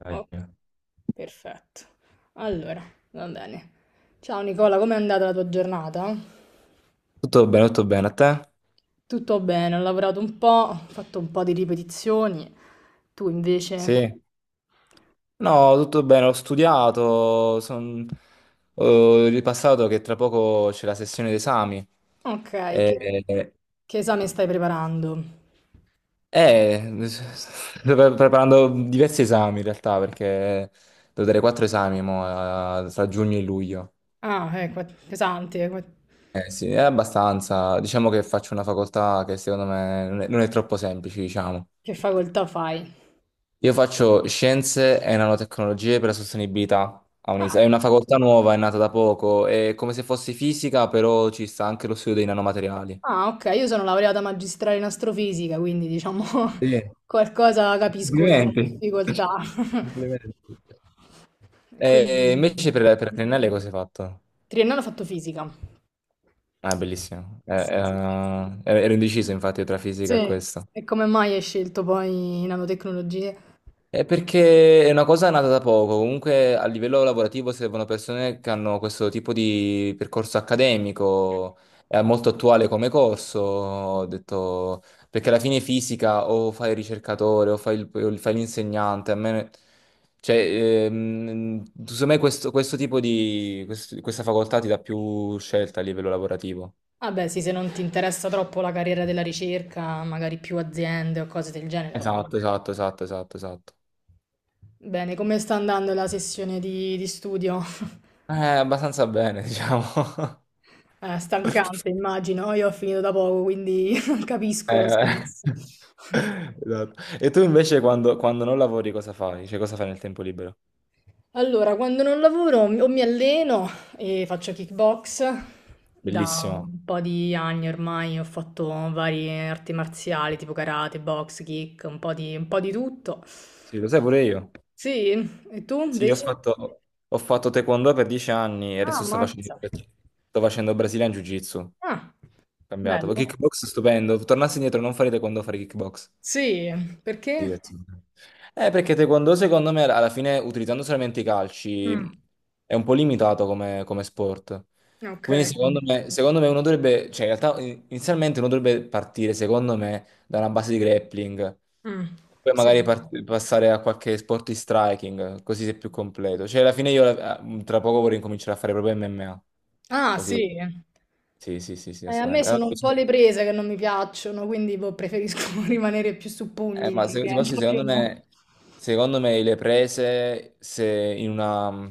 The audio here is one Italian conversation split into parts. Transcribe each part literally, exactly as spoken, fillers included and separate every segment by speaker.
Speaker 1: Dai.
Speaker 2: Ok, perfetto. Allora, va bene. Ciao Nicola, com'è andata la tua giornata?
Speaker 1: Tutto bene, tutto bene. A te?
Speaker 2: Tutto bene, ho lavorato un po', ho fatto un po' di ripetizioni. Tu invece?
Speaker 1: Sì. No, tutto bene, ho studiato, son- ho ripassato che tra poco c'è la sessione d'esami.
Speaker 2: Ok, che,
Speaker 1: E... e-
Speaker 2: che esame stai preparando?
Speaker 1: eh, Sto pre- preparando diversi esami in realtà, perché devo dare quattro esami mo, eh, tra giugno e luglio.
Speaker 2: Ah, eh, qua- pesante, qua-
Speaker 1: Eh sì, è abbastanza. Diciamo che faccio una facoltà che secondo me non è, non è troppo semplice, diciamo.
Speaker 2: che facoltà fai?
Speaker 1: Io faccio scienze e nanotecnologie per la sostenibilità a
Speaker 2: Ah,
Speaker 1: Unisa. È una facoltà nuova, è nata da poco, è come se fosse fisica, però ci sta anche lo studio dei nanomateriali.
Speaker 2: ah, ok, io sono laureata magistrale in astrofisica, quindi diciamo
Speaker 1: Sì,
Speaker 2: qualcosa capisco sulla
Speaker 1: complimenti.
Speaker 2: difficoltà.
Speaker 1: Complimenti.
Speaker 2: Quindi...
Speaker 1: E invece per, per Triennale cosa hai fatto?
Speaker 2: Triennale ho fatto fisica.
Speaker 1: Ah, bellissimo. Eh,
Speaker 2: Sì, sì, sì.
Speaker 1: eh, ero indeciso infatti tra fisica e
Speaker 2: Sì,
Speaker 1: questo.
Speaker 2: e come mai hai scelto poi nanotecnologie?
Speaker 1: È perché è una cosa nata da poco, comunque a livello lavorativo servono persone che hanno questo tipo di percorso accademico, è molto attuale come corso, ho detto, perché alla fine fisica o fai il ricercatore o fai il- o fai l'insegnante, a me, cioè, ehm, secondo me questo, questo tipo di, quest- questa facoltà ti dà più scelta a livello lavorativo.
Speaker 2: Ah beh, sì, se non ti interessa troppo la carriera della ricerca, magari più aziende o cose del genere, fatto
Speaker 1: Esatto,
Speaker 2: bene.
Speaker 1: esatto, esatto, esatto, esatto.
Speaker 2: Bene, come sta andando la sessione di, di studio?
Speaker 1: Eh, abbastanza bene, diciamo.
Speaker 2: Eh, stancante, immagino. Io ho finito da poco, quindi capisco lo
Speaker 1: Eh,
Speaker 2: stress.
Speaker 1: esatto. E tu invece quando, quando non lavori cosa fai? Cioè cosa fai nel tempo libero?
Speaker 2: Allora, quando non lavoro mi- o mi alleno e faccio kickbox da
Speaker 1: Bellissimo.
Speaker 2: un po' di anni ormai, ho fatto varie arti marziali tipo karate, box, kick, un po' di, un po' di tutto.
Speaker 1: Sì, lo sai pure io.
Speaker 2: Sì, e tu
Speaker 1: Sì, ho
Speaker 2: invece?
Speaker 1: fatto, ho fatto taekwondo per dieci anni e
Speaker 2: Ah,
Speaker 1: adesso sto facendo,
Speaker 2: mazza.
Speaker 1: sto facendo Brazilian Jiu-Jitsu.
Speaker 2: Ah,
Speaker 1: Cambiato. Poi
Speaker 2: bello.
Speaker 1: kickbox stupendo. Tornassi indietro non fare taekwondo, fare kickbox.
Speaker 2: Sì, perché?
Speaker 1: Sì, attenzione. Eh, perché taekwondo secondo me alla fine utilizzando solamente i
Speaker 2: Mm,
Speaker 1: calci è un po' limitato come, come sport.
Speaker 2: ok.
Speaker 1: Quindi secondo me, secondo me uno dovrebbe, cioè in realtà in- inizialmente uno dovrebbe partire secondo me da una base di grappling,
Speaker 2: Mm,
Speaker 1: poi
Speaker 2: sì.
Speaker 1: magari part- passare a qualche sport di striking, così sei più completo. Cioè alla fine io eh, tra poco vorrei incominciare a fare proprio M M A.
Speaker 2: Ah,
Speaker 1: Così,
Speaker 2: sì.
Speaker 1: sì, sì, sì, sì,
Speaker 2: Eh, a me
Speaker 1: assolutamente. Ah,
Speaker 2: sono un po' le prese che non mi piacciono, quindi boh, preferisco rimanere più su
Speaker 1: Eh, ma
Speaker 2: pugni,
Speaker 1: se-
Speaker 2: che
Speaker 1: ti
Speaker 2: è un
Speaker 1: posso
Speaker 2: po'
Speaker 1: dire,
Speaker 2: più...
Speaker 1: secondo me, secondo me le prese, se in una,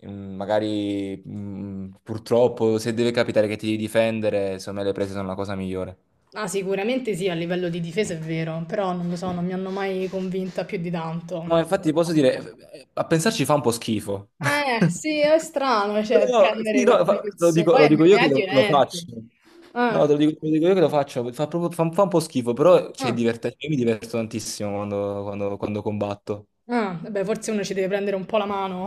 Speaker 1: in- magari mm, purtroppo, se deve capitare che ti devi difendere, secondo me le prese sono la cosa migliore.
Speaker 2: Ah, sicuramente sì, a livello di difesa è vero, però non lo so, non mi hanno mai convinta più di tanto.
Speaker 1: Ma infatti ti posso dire, eh, a pensarci fa un po' schifo.
Speaker 2: Eh, sì, è strano, cioè,
Speaker 1: Però,
Speaker 2: prendere
Speaker 1: sì, no,
Speaker 2: queste
Speaker 1: fa- lo
Speaker 2: persone,
Speaker 1: dico, lo
Speaker 2: poi
Speaker 1: dico io
Speaker 2: M M A
Speaker 1: che
Speaker 2: è
Speaker 1: lo, lo
Speaker 2: violento.
Speaker 1: faccio. No, te
Speaker 2: Ah,
Speaker 1: lo dico, te lo dico io che lo faccio, fa, proprio- fa un fa un po' schifo, però c'è
Speaker 2: ah.
Speaker 1: diverte- io mi diverto tantissimo quando, quando- quando combatto.
Speaker 2: Ah, eh beh, forse uno ci deve prendere un po' la mano,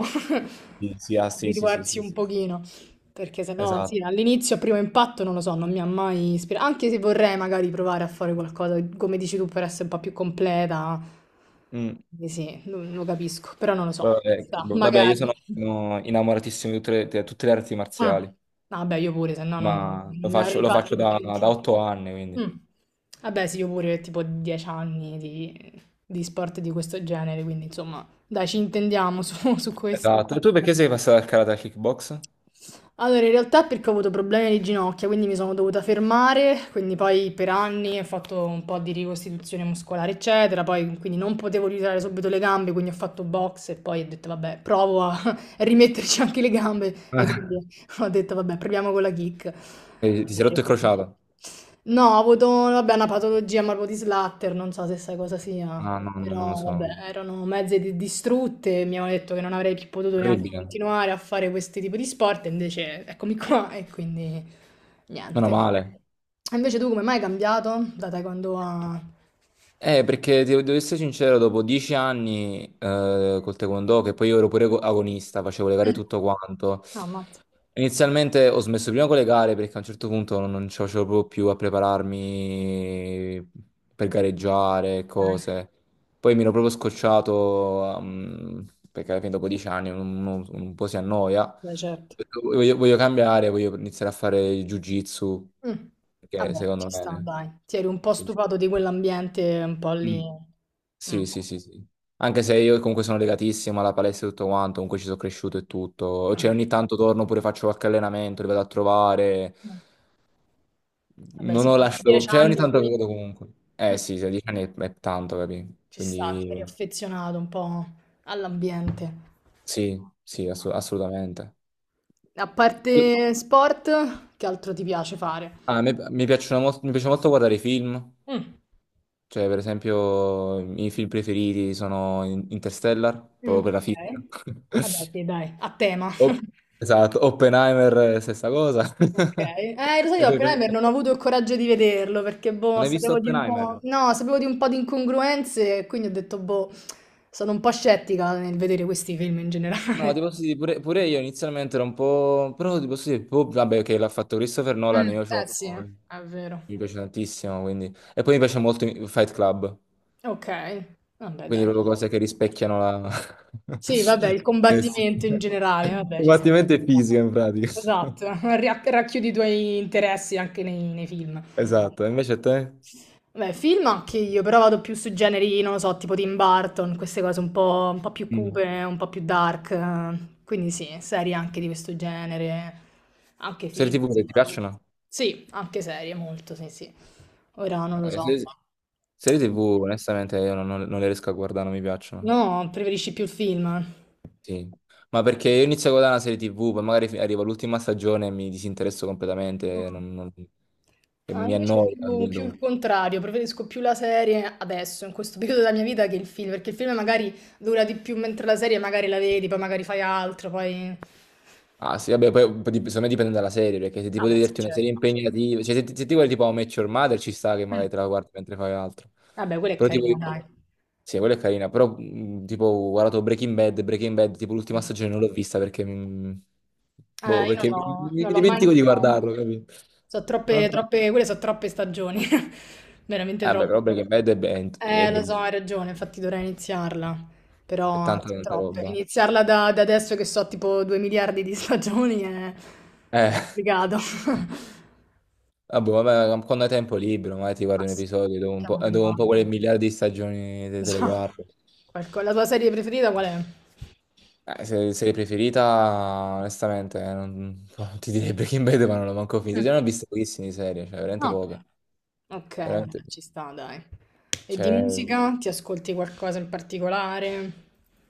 Speaker 1: Sì, sì, ah, sì, sì, sì,
Speaker 2: abituarsi
Speaker 1: sì,
Speaker 2: un
Speaker 1: sì.
Speaker 2: pochino, perché sennò sì,
Speaker 1: Esatto.
Speaker 2: all'inizio, a primo impatto, non lo so, non mi ha mai ispirato, anche se vorrei magari provare a fare qualcosa, come dici tu, per essere un po' più completa,
Speaker 1: Mm.
Speaker 2: quindi sì, lo, lo capisco, però non lo so,
Speaker 1: Vabbè,
Speaker 2: chissà,
Speaker 1: vabbè, io
Speaker 2: magari.
Speaker 1: sono sono innamoratissimo di tutte le, di tutte le arti
Speaker 2: Ah, no,
Speaker 1: marziali,
Speaker 2: vabbè, io pure, se no non,
Speaker 1: ma lo
Speaker 2: non ne
Speaker 1: faccio,
Speaker 2: avrei
Speaker 1: lo
Speaker 2: fatto
Speaker 1: faccio
Speaker 2: di
Speaker 1: da,
Speaker 2: più.
Speaker 1: da otto anni, quindi.
Speaker 2: Mh. Vabbè sì, io pure tipo dieci anni di di sport di questo genere, quindi insomma dai ci intendiamo su su questo.
Speaker 1: Esatto. E tu perché sei passato dal karate al kickbox?
Speaker 2: Allora, in realtà è perché ho avuto problemi alle ginocchia, quindi mi sono dovuta fermare, quindi poi per anni ho fatto un po' di ricostituzione muscolare, eccetera, poi quindi non potevo riusare subito le gambe, quindi ho fatto box e poi ho detto vabbè, provo a rimetterci anche le gambe e quindi ho detto vabbè, proviamo con la kick.
Speaker 1: Eh, Ti sei
Speaker 2: Ok.
Speaker 1: rotto il crociato?
Speaker 2: No, ho avuto vabbè, una patologia morbo di Slatter, non so se sai cosa sia.
Speaker 1: No, no, no, non lo
Speaker 2: Però
Speaker 1: so.
Speaker 2: vabbè, erano mezze di- distrutte, mi hanno detto che non avrei più potuto neanche
Speaker 1: Orribile.
Speaker 2: continuare a fare questi tipi di sport, e invece eccomi qua e quindi
Speaker 1: Meno
Speaker 2: niente.
Speaker 1: male.
Speaker 2: E Invece tu come mai hai cambiato? Da taekwondo a...
Speaker 1: Eh, perché ti- devo essere sincero, dopo dieci anni eh, col taekwondo, che poi io ero pure agonista, facevo le gare e
Speaker 2: Eh,
Speaker 1: tutto quanto.
Speaker 2: Ah, ammazza.
Speaker 1: Inizialmente ho smesso prima con le gare perché a un certo punto non, non ce la facevo proprio più a prepararmi per gareggiare e
Speaker 2: Dai,
Speaker 1: cose. Poi mi ero proprio scocciato ehm, perché alla fine dopo dieci anni uno uno un po' si annoia. Ho
Speaker 2: dai, certo.
Speaker 1: detto, Voglio, voglio cambiare, voglio iniziare a fare il jiu-jitsu
Speaker 2: Mm,
Speaker 1: perché
Speaker 2: Vabbè,
Speaker 1: secondo
Speaker 2: ci sta,
Speaker 1: me
Speaker 2: dai. Ti eri un po'
Speaker 1: sì.
Speaker 2: stufato di quell'ambiente un po'
Speaker 1: Mm.
Speaker 2: lì. Mm.
Speaker 1: Sì, sì, sì, sì. Anche se io comunque sono legatissimo alla palestra e tutto quanto, comunque ci sono cresciuto e tutto. Cioè ogni tanto torno pure faccio qualche allenamento, li vado a trovare.
Speaker 2: Mm. Vabbè,
Speaker 1: Non
Speaker 2: sì,
Speaker 1: ho lasciato,
Speaker 2: dieci
Speaker 1: cioè
Speaker 2: anni
Speaker 1: ogni tanto
Speaker 2: lì.
Speaker 1: vedo comunque.
Speaker 2: Mm,
Speaker 1: Eh sì, sedici anni è, è tanto, capi?
Speaker 2: Ci sta,
Speaker 1: Quindi
Speaker 2: eri affezionato un po' all'ambiente.
Speaker 1: sì, sì, assu- assolutamente.
Speaker 2: A parte sport, che altro ti piace fare?
Speaker 1: Ah, mi, mi piacciono molto, mi piace molto guardare i film,
Speaker 2: Mh.
Speaker 1: cioè per esempio i miei film preferiti sono In- Interstellar, proprio
Speaker 2: Mh.
Speaker 1: per la
Speaker 2: Okay.
Speaker 1: fisica.
Speaker 2: Vabbè sì, dai, a tema.
Speaker 1: O- esatto, Oppenheimer, eh, stessa cosa.
Speaker 2: Okay. Eh, lo sai,
Speaker 1: E
Speaker 2: io
Speaker 1: poi,
Speaker 2: Oppenheimer non ho avuto il coraggio di vederlo perché, boh,
Speaker 1: non hai visto
Speaker 2: sapevo di un
Speaker 1: Oppenheimer?
Speaker 2: po' no, sapevo di un po' di incongruenze e quindi ho detto: "Boh", sono un po' scettica nel vedere questi film in
Speaker 1: No,
Speaker 2: generale.
Speaker 1: ti posso dire, pure, pure io inizialmente ero un po'... Però ti posso dire, boh, vabbè, che l'ha fatto Christopher Nolan,
Speaker 2: Mh,
Speaker 1: io
Speaker 2: eh
Speaker 1: c'ho...
Speaker 2: sì, è vero.
Speaker 1: Mi piace tantissimo, quindi... E poi mi piace molto i- Fight Club,
Speaker 2: Okay, vabbè
Speaker 1: quindi
Speaker 2: dai.
Speaker 1: proprio cose che rispecchiano la...
Speaker 2: Sì, vabbè, il
Speaker 1: Eh sì.
Speaker 2: combattimento in generale, vabbè, ci sta.
Speaker 1: Combattimento e fisica, in pratica.
Speaker 2: Esatto, ra- racchiudi i tuoi interessi anche nei, nei film.
Speaker 1: Esatto, e invece a te?
Speaker 2: Beh, film anche io, però vado più su generi, non lo so, tipo Tim Burton, queste cose un po', un po' più
Speaker 1: Mm.
Speaker 2: cupe, un po' più dark. Eh, quindi sì, serie anche di questo genere, anche
Speaker 1: Serie
Speaker 2: film.
Speaker 1: tivù che ti piacciono?
Speaker 2: Sì, anche serie, molto, sì, sì. Ora non
Speaker 1: No,
Speaker 2: lo
Speaker 1: le
Speaker 2: so.
Speaker 1: serie, serie T V, onestamente, io non, non- non le riesco a guardare, non mi piacciono.
Speaker 2: No, preferisci più il film?
Speaker 1: Sì, ma perché io inizio a guardare una serie T V, poi magari fi- arriva l'ultima stagione e mi disinteresso completamente,
Speaker 2: Mm.
Speaker 1: non- non- e
Speaker 2: Ah,
Speaker 1: mi
Speaker 2: invece è
Speaker 1: annoia.
Speaker 2: più, più il
Speaker 1: Capito?
Speaker 2: contrario, preferisco più la serie adesso, in questo periodo della mia vita, che il film, perché il film magari dura di più, mentre la serie magari la vedi, poi magari fai altro, poi...
Speaker 1: Ah sì, vabbè, poi poi dip- secondo me dipende dalla serie, perché se ti puoi
Speaker 2: Vabbè, sì,
Speaker 1: vederti una serie
Speaker 2: certo.
Speaker 1: impegnativa, cioè se, ti se ti guardi tipo How I Met Your Mother ci sta che
Speaker 2: Mm.
Speaker 1: magari te la guardi mentre fai altro.
Speaker 2: Vabbè, quella è
Speaker 1: Però tipo,
Speaker 2: carina, dai.
Speaker 1: io- sì, quella è carina, però mh, tipo ho guardato Breaking Bad, Breaking Bad, tipo l'ultima stagione non l'ho vista perché mi,
Speaker 2: Eh,
Speaker 1: boh,
Speaker 2: io non
Speaker 1: perché mi,
Speaker 2: l'ho
Speaker 1: mi
Speaker 2: non l'ho mai
Speaker 1: dimentico di
Speaker 2: iniziato.
Speaker 1: guardarlo, capito?
Speaker 2: Sono
Speaker 1: No,
Speaker 2: troppe,
Speaker 1: no.
Speaker 2: troppe, quelle sono troppe stagioni, veramente
Speaker 1: Eh beh, però
Speaker 2: troppe.
Speaker 1: Breaking Bad è, be- è
Speaker 2: Eh, lo so,
Speaker 1: bellissimo.
Speaker 2: hai ragione, infatti dovrei iniziarla,
Speaker 1: È
Speaker 2: però
Speaker 1: tanta
Speaker 2: sono
Speaker 1: tanta
Speaker 2: troppe.
Speaker 1: roba.
Speaker 2: Iniziarla da, da adesso che so tipo due miliardi di stagioni è
Speaker 1: Eh,
Speaker 2: complicato.
Speaker 1: vabbè, vabbè, quando hai tempo libero, magari ti
Speaker 2: Ma
Speaker 1: guardi un
Speaker 2: sì,
Speaker 1: episodio dopo un
Speaker 2: piano
Speaker 1: po', eh, dopo un po'
Speaker 2: piano.
Speaker 1: quelle miliardi di stagioni te,
Speaker 2: Lo
Speaker 1: te le
Speaker 2: so.
Speaker 1: guardo.
Speaker 2: Qualco- La tua serie preferita qual è?
Speaker 1: Eh, se, serie preferita, onestamente, eh, non, ti direi Breaking Bad, ma non l'ho manco finito.
Speaker 2: Mm.
Speaker 1: Già ne ho viste pochissime di serie, cioè veramente
Speaker 2: No.
Speaker 1: poche.
Speaker 2: Ok,
Speaker 1: Veramente,
Speaker 2: vabbè, ci sta, dai. E di
Speaker 1: cioè,
Speaker 2: musica? Ti ascolti qualcosa in particolare?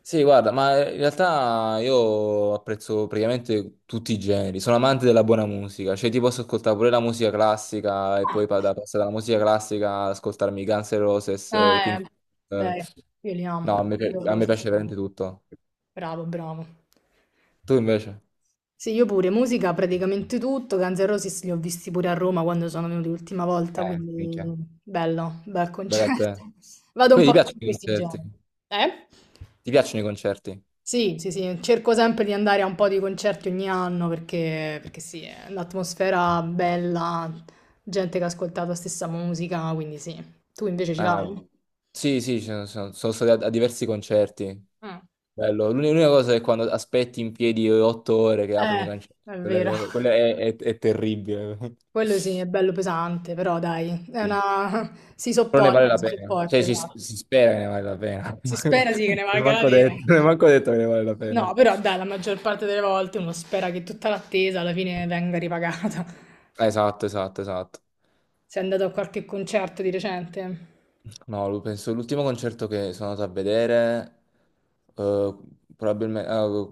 Speaker 1: sì, guarda, ma in realtà io apprezzo praticamente tutti i generi, sono amante della buona musica, cioè ti posso ascoltare pure la musica classica e poi pa- da- passare dalla musica classica ad ascoltarmi i Guns N' Roses, eh, i
Speaker 2: Eh,
Speaker 1: Pink Floyd,
Speaker 2: beh,
Speaker 1: eh.
Speaker 2: io li amo,
Speaker 1: No, a me, pi-
Speaker 2: prendo
Speaker 1: a me
Speaker 2: cose,
Speaker 1: piace
Speaker 2: sono-
Speaker 1: veramente tutto.
Speaker 2: Bravo, bravo.
Speaker 1: Tu invece?
Speaker 2: Sì, io pure, musica praticamente tutto, Guns N' Roses li ho visti pure a Roma quando sono venuti l'ultima volta,
Speaker 1: Eh,
Speaker 2: quindi
Speaker 1: minchia,
Speaker 2: bello, bel
Speaker 1: bella a
Speaker 2: concerto.
Speaker 1: te.
Speaker 2: Vado un
Speaker 1: Quindi
Speaker 2: po'
Speaker 1: ti
Speaker 2: più
Speaker 1: piacciono
Speaker 2: su
Speaker 1: i
Speaker 2: questi
Speaker 1: concerti?
Speaker 2: generi. Eh?
Speaker 1: Ti piacciono i concerti?
Speaker 2: Sì, sì, sì, cerco sempre di andare a un po' di concerti ogni anno perché, perché sì, è un'atmosfera bella, gente che ha ascoltato la stessa musica, quindi sì. Tu invece ci
Speaker 1: Ah,
Speaker 2: vai?
Speaker 1: sì, sì, ci sono, sono- sono stato a, a diversi concerti.
Speaker 2: Mm.
Speaker 1: Bello. L'uni- L'unica cosa è quando aspetti in piedi otto ore che aprono i
Speaker 2: Eh,
Speaker 1: concerti.
Speaker 2: è
Speaker 1: Quella
Speaker 2: vero.
Speaker 1: è, quella è- è- è terribile.
Speaker 2: Quello sì, è bello pesante, però dai, è
Speaker 1: Sì.
Speaker 2: una... si
Speaker 1: Però ne vale
Speaker 2: sopporta,
Speaker 1: la
Speaker 2: si
Speaker 1: pena.
Speaker 2: sopporta,
Speaker 1: Cioè, si,
Speaker 2: esatto.
Speaker 1: si spera che ne vale la pena.
Speaker 2: Si
Speaker 1: Ma-
Speaker 2: spera sì
Speaker 1: Non
Speaker 2: che ne
Speaker 1: è
Speaker 2: valga la
Speaker 1: manco
Speaker 2: pena.
Speaker 1: detto, non è manco detto che ne vale la
Speaker 2: No,
Speaker 1: pena.
Speaker 2: però dai, la maggior parte delle volte uno spera che tutta l'attesa alla fine venga ripagata.
Speaker 1: Esatto, esatto, esatto.
Speaker 2: Sei andato a qualche concerto di recente?
Speaker 1: No, lo- penso l'ultimo concerto che sono andato a vedere, probabilmente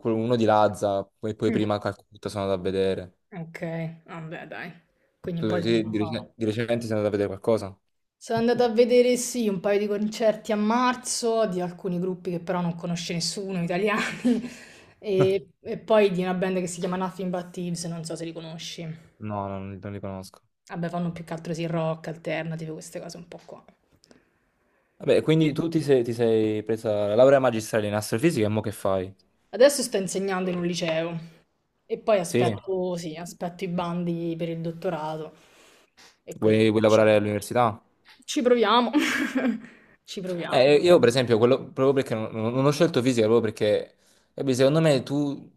Speaker 1: uno di Lazza, poi, poi
Speaker 2: Mm.
Speaker 1: prima Calcutta sono andato a vedere.
Speaker 2: Ok, vabbè, dai. Quindi un po'
Speaker 1: Tu
Speaker 2: di... tempo
Speaker 1: sì, di,
Speaker 2: fa.
Speaker 1: recen- di recente sei andato a vedere qualcosa?
Speaker 2: Sono andata a vedere sì un paio di concerti a marzo di alcuni gruppi che però non conosce nessuno, italiani, e, e poi di una band che si chiama Nothing But Thieves, non so se li conosci.
Speaker 1: No, non, non li conosco.
Speaker 2: Vabbè, fanno più che altro sì rock, alternative, queste cose un po' qua.
Speaker 1: Vabbè, quindi tu ti sei, ti sei presa la laurea magistrale in astrofisica e mo che fai?
Speaker 2: Adesso sto insegnando in un liceo e poi
Speaker 1: Sì?
Speaker 2: aspetto, sì, aspetto i bandi per il dottorato e
Speaker 1: Vuoi,
Speaker 2: quindi
Speaker 1: vuoi
Speaker 2: ci
Speaker 1: lavorare all'università?
Speaker 2: ci proviamo, ci proviamo.
Speaker 1: Eh, io per esempio, quello, proprio perché non, non ho scelto fisica, proprio perché eh, beh, secondo me tu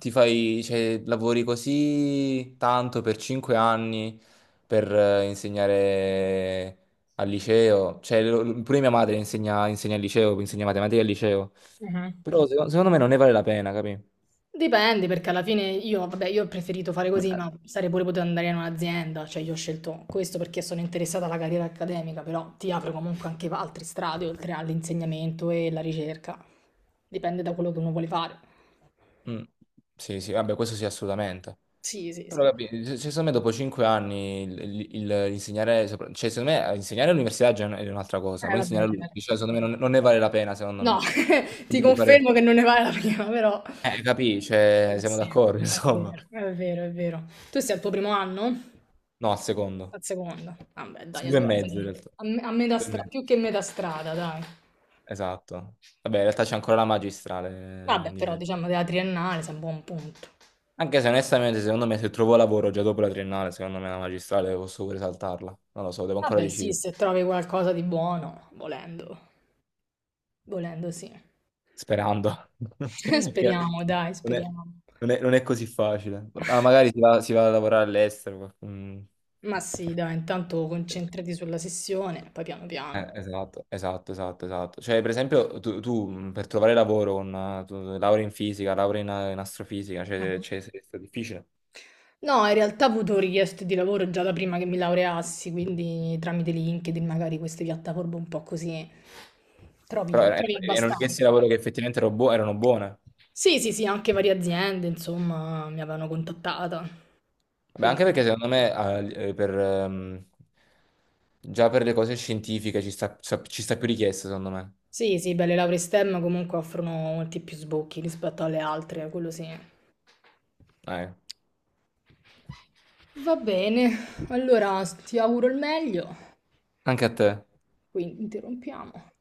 Speaker 1: ti fai, cioè, lavori così tanto per cinque anni per eh, insegnare al liceo, cioè lo- pure mia madre insegna, insegna al liceo, insegna matematica al liceo.
Speaker 2: Mhm.
Speaker 1: Però seco- secondo me non ne vale la pena, capì?
Speaker 2: Dipende, perché alla fine io, vabbè, io ho preferito fare così,
Speaker 1: Beh.
Speaker 2: ma sarei pure potuto andare in un'azienda, cioè io ho scelto questo perché sono interessata alla carriera accademica, però ti apre comunque anche altre strade oltre all'insegnamento e la ricerca. Dipende da quello che uno vuole fare.
Speaker 1: Mm. Sì, sì, vabbè, questo sì, assolutamente.
Speaker 2: Sì, sì,
Speaker 1: Però
Speaker 2: sì.
Speaker 1: capi, se- secondo me dopo cinque anni il, il- il- l'insegnare, sopra- cioè secondo me eh, insegnare all'università già è un'altra cosa,
Speaker 2: Eh,
Speaker 1: però
Speaker 2: vabbè,
Speaker 1: insegnare
Speaker 2: certo.
Speaker 1: all'università secondo
Speaker 2: Sì.
Speaker 1: me non, non ne vale la pena, secondo
Speaker 2: No,
Speaker 1: me.
Speaker 2: ti
Speaker 1: Devi fare-
Speaker 2: confermo che non ne vale la prima, però...
Speaker 1: Eh, capì, cioè,
Speaker 2: però
Speaker 1: siamo
Speaker 2: sì,
Speaker 1: d'accordo,
Speaker 2: è
Speaker 1: insomma.
Speaker 2: vero, è vero, è vero. Tu sei al tuo primo anno?
Speaker 1: No, al secondo.
Speaker 2: Al secondo? Vabbè, dai,
Speaker 1: Due e
Speaker 2: allora
Speaker 1: mezzo in
Speaker 2: sei
Speaker 1: realtà.
Speaker 2: a, me- a metà
Speaker 1: Due e
Speaker 2: strada,
Speaker 1: mezzo.
Speaker 2: più che metà strada, dai.
Speaker 1: Esatto. Vabbè, in realtà c'è ancora la magistrale eh,
Speaker 2: Vabbè,
Speaker 1: di
Speaker 2: però
Speaker 1: mezzo.
Speaker 2: diciamo della triennale sei a buon punto.
Speaker 1: Anche se onestamente, secondo me, se trovo lavoro già dopo la triennale, secondo me la magistrale posso pure saltarla. Non lo so, devo ancora
Speaker 2: Vabbè, sì,
Speaker 1: decidere.
Speaker 2: se trovi qualcosa di buono, volendo, volendo sì.
Speaker 1: Sperando. Che
Speaker 2: Speriamo, dai,
Speaker 1: non è,
Speaker 2: speriamo.
Speaker 1: non è- non è così facile. Ma magari si va, si va a lavorare all'estero. mm.
Speaker 2: Ma sì, dai, intanto concentrati sulla sessione, poi piano piano.
Speaker 1: Eh, esatto, esatto, esatto, esatto. Cioè, per esempio, tu, tu, mh, per trovare lavoro con eh, tu- laurea in fisica, laurea in, eh, in astrofisica, cioè,
Speaker 2: Mhm.
Speaker 1: cioè, è stato difficile.
Speaker 2: No, in realtà ho avuto richieste di lavoro già da prima che mi laureassi, quindi tramite LinkedIn, magari queste piattaforme un po' così,
Speaker 1: Però
Speaker 2: trovi,
Speaker 1: er-
Speaker 2: trovi
Speaker 1: erano richieste di
Speaker 2: abbastanza.
Speaker 1: lavoro che effettivamente ero buo- erano buone.
Speaker 2: Sì, sì, sì, anche varie aziende, insomma, mi avevano contattata.
Speaker 1: Beh,
Speaker 2: Quindi
Speaker 1: anche
Speaker 2: sì.
Speaker 1: perché secondo me ah, eh, per, ehm, già per le cose scientifiche ci sta, sa- ci sta più richiesta, secondo me.
Speaker 2: Sì, sì, beh, le lauree STEM comunque offrono molti più sbocchi rispetto alle altre, quello sì.
Speaker 1: Eh,
Speaker 2: Va bene, allora ti auguro il meglio,
Speaker 1: anche a te.
Speaker 2: quindi interrompiamo.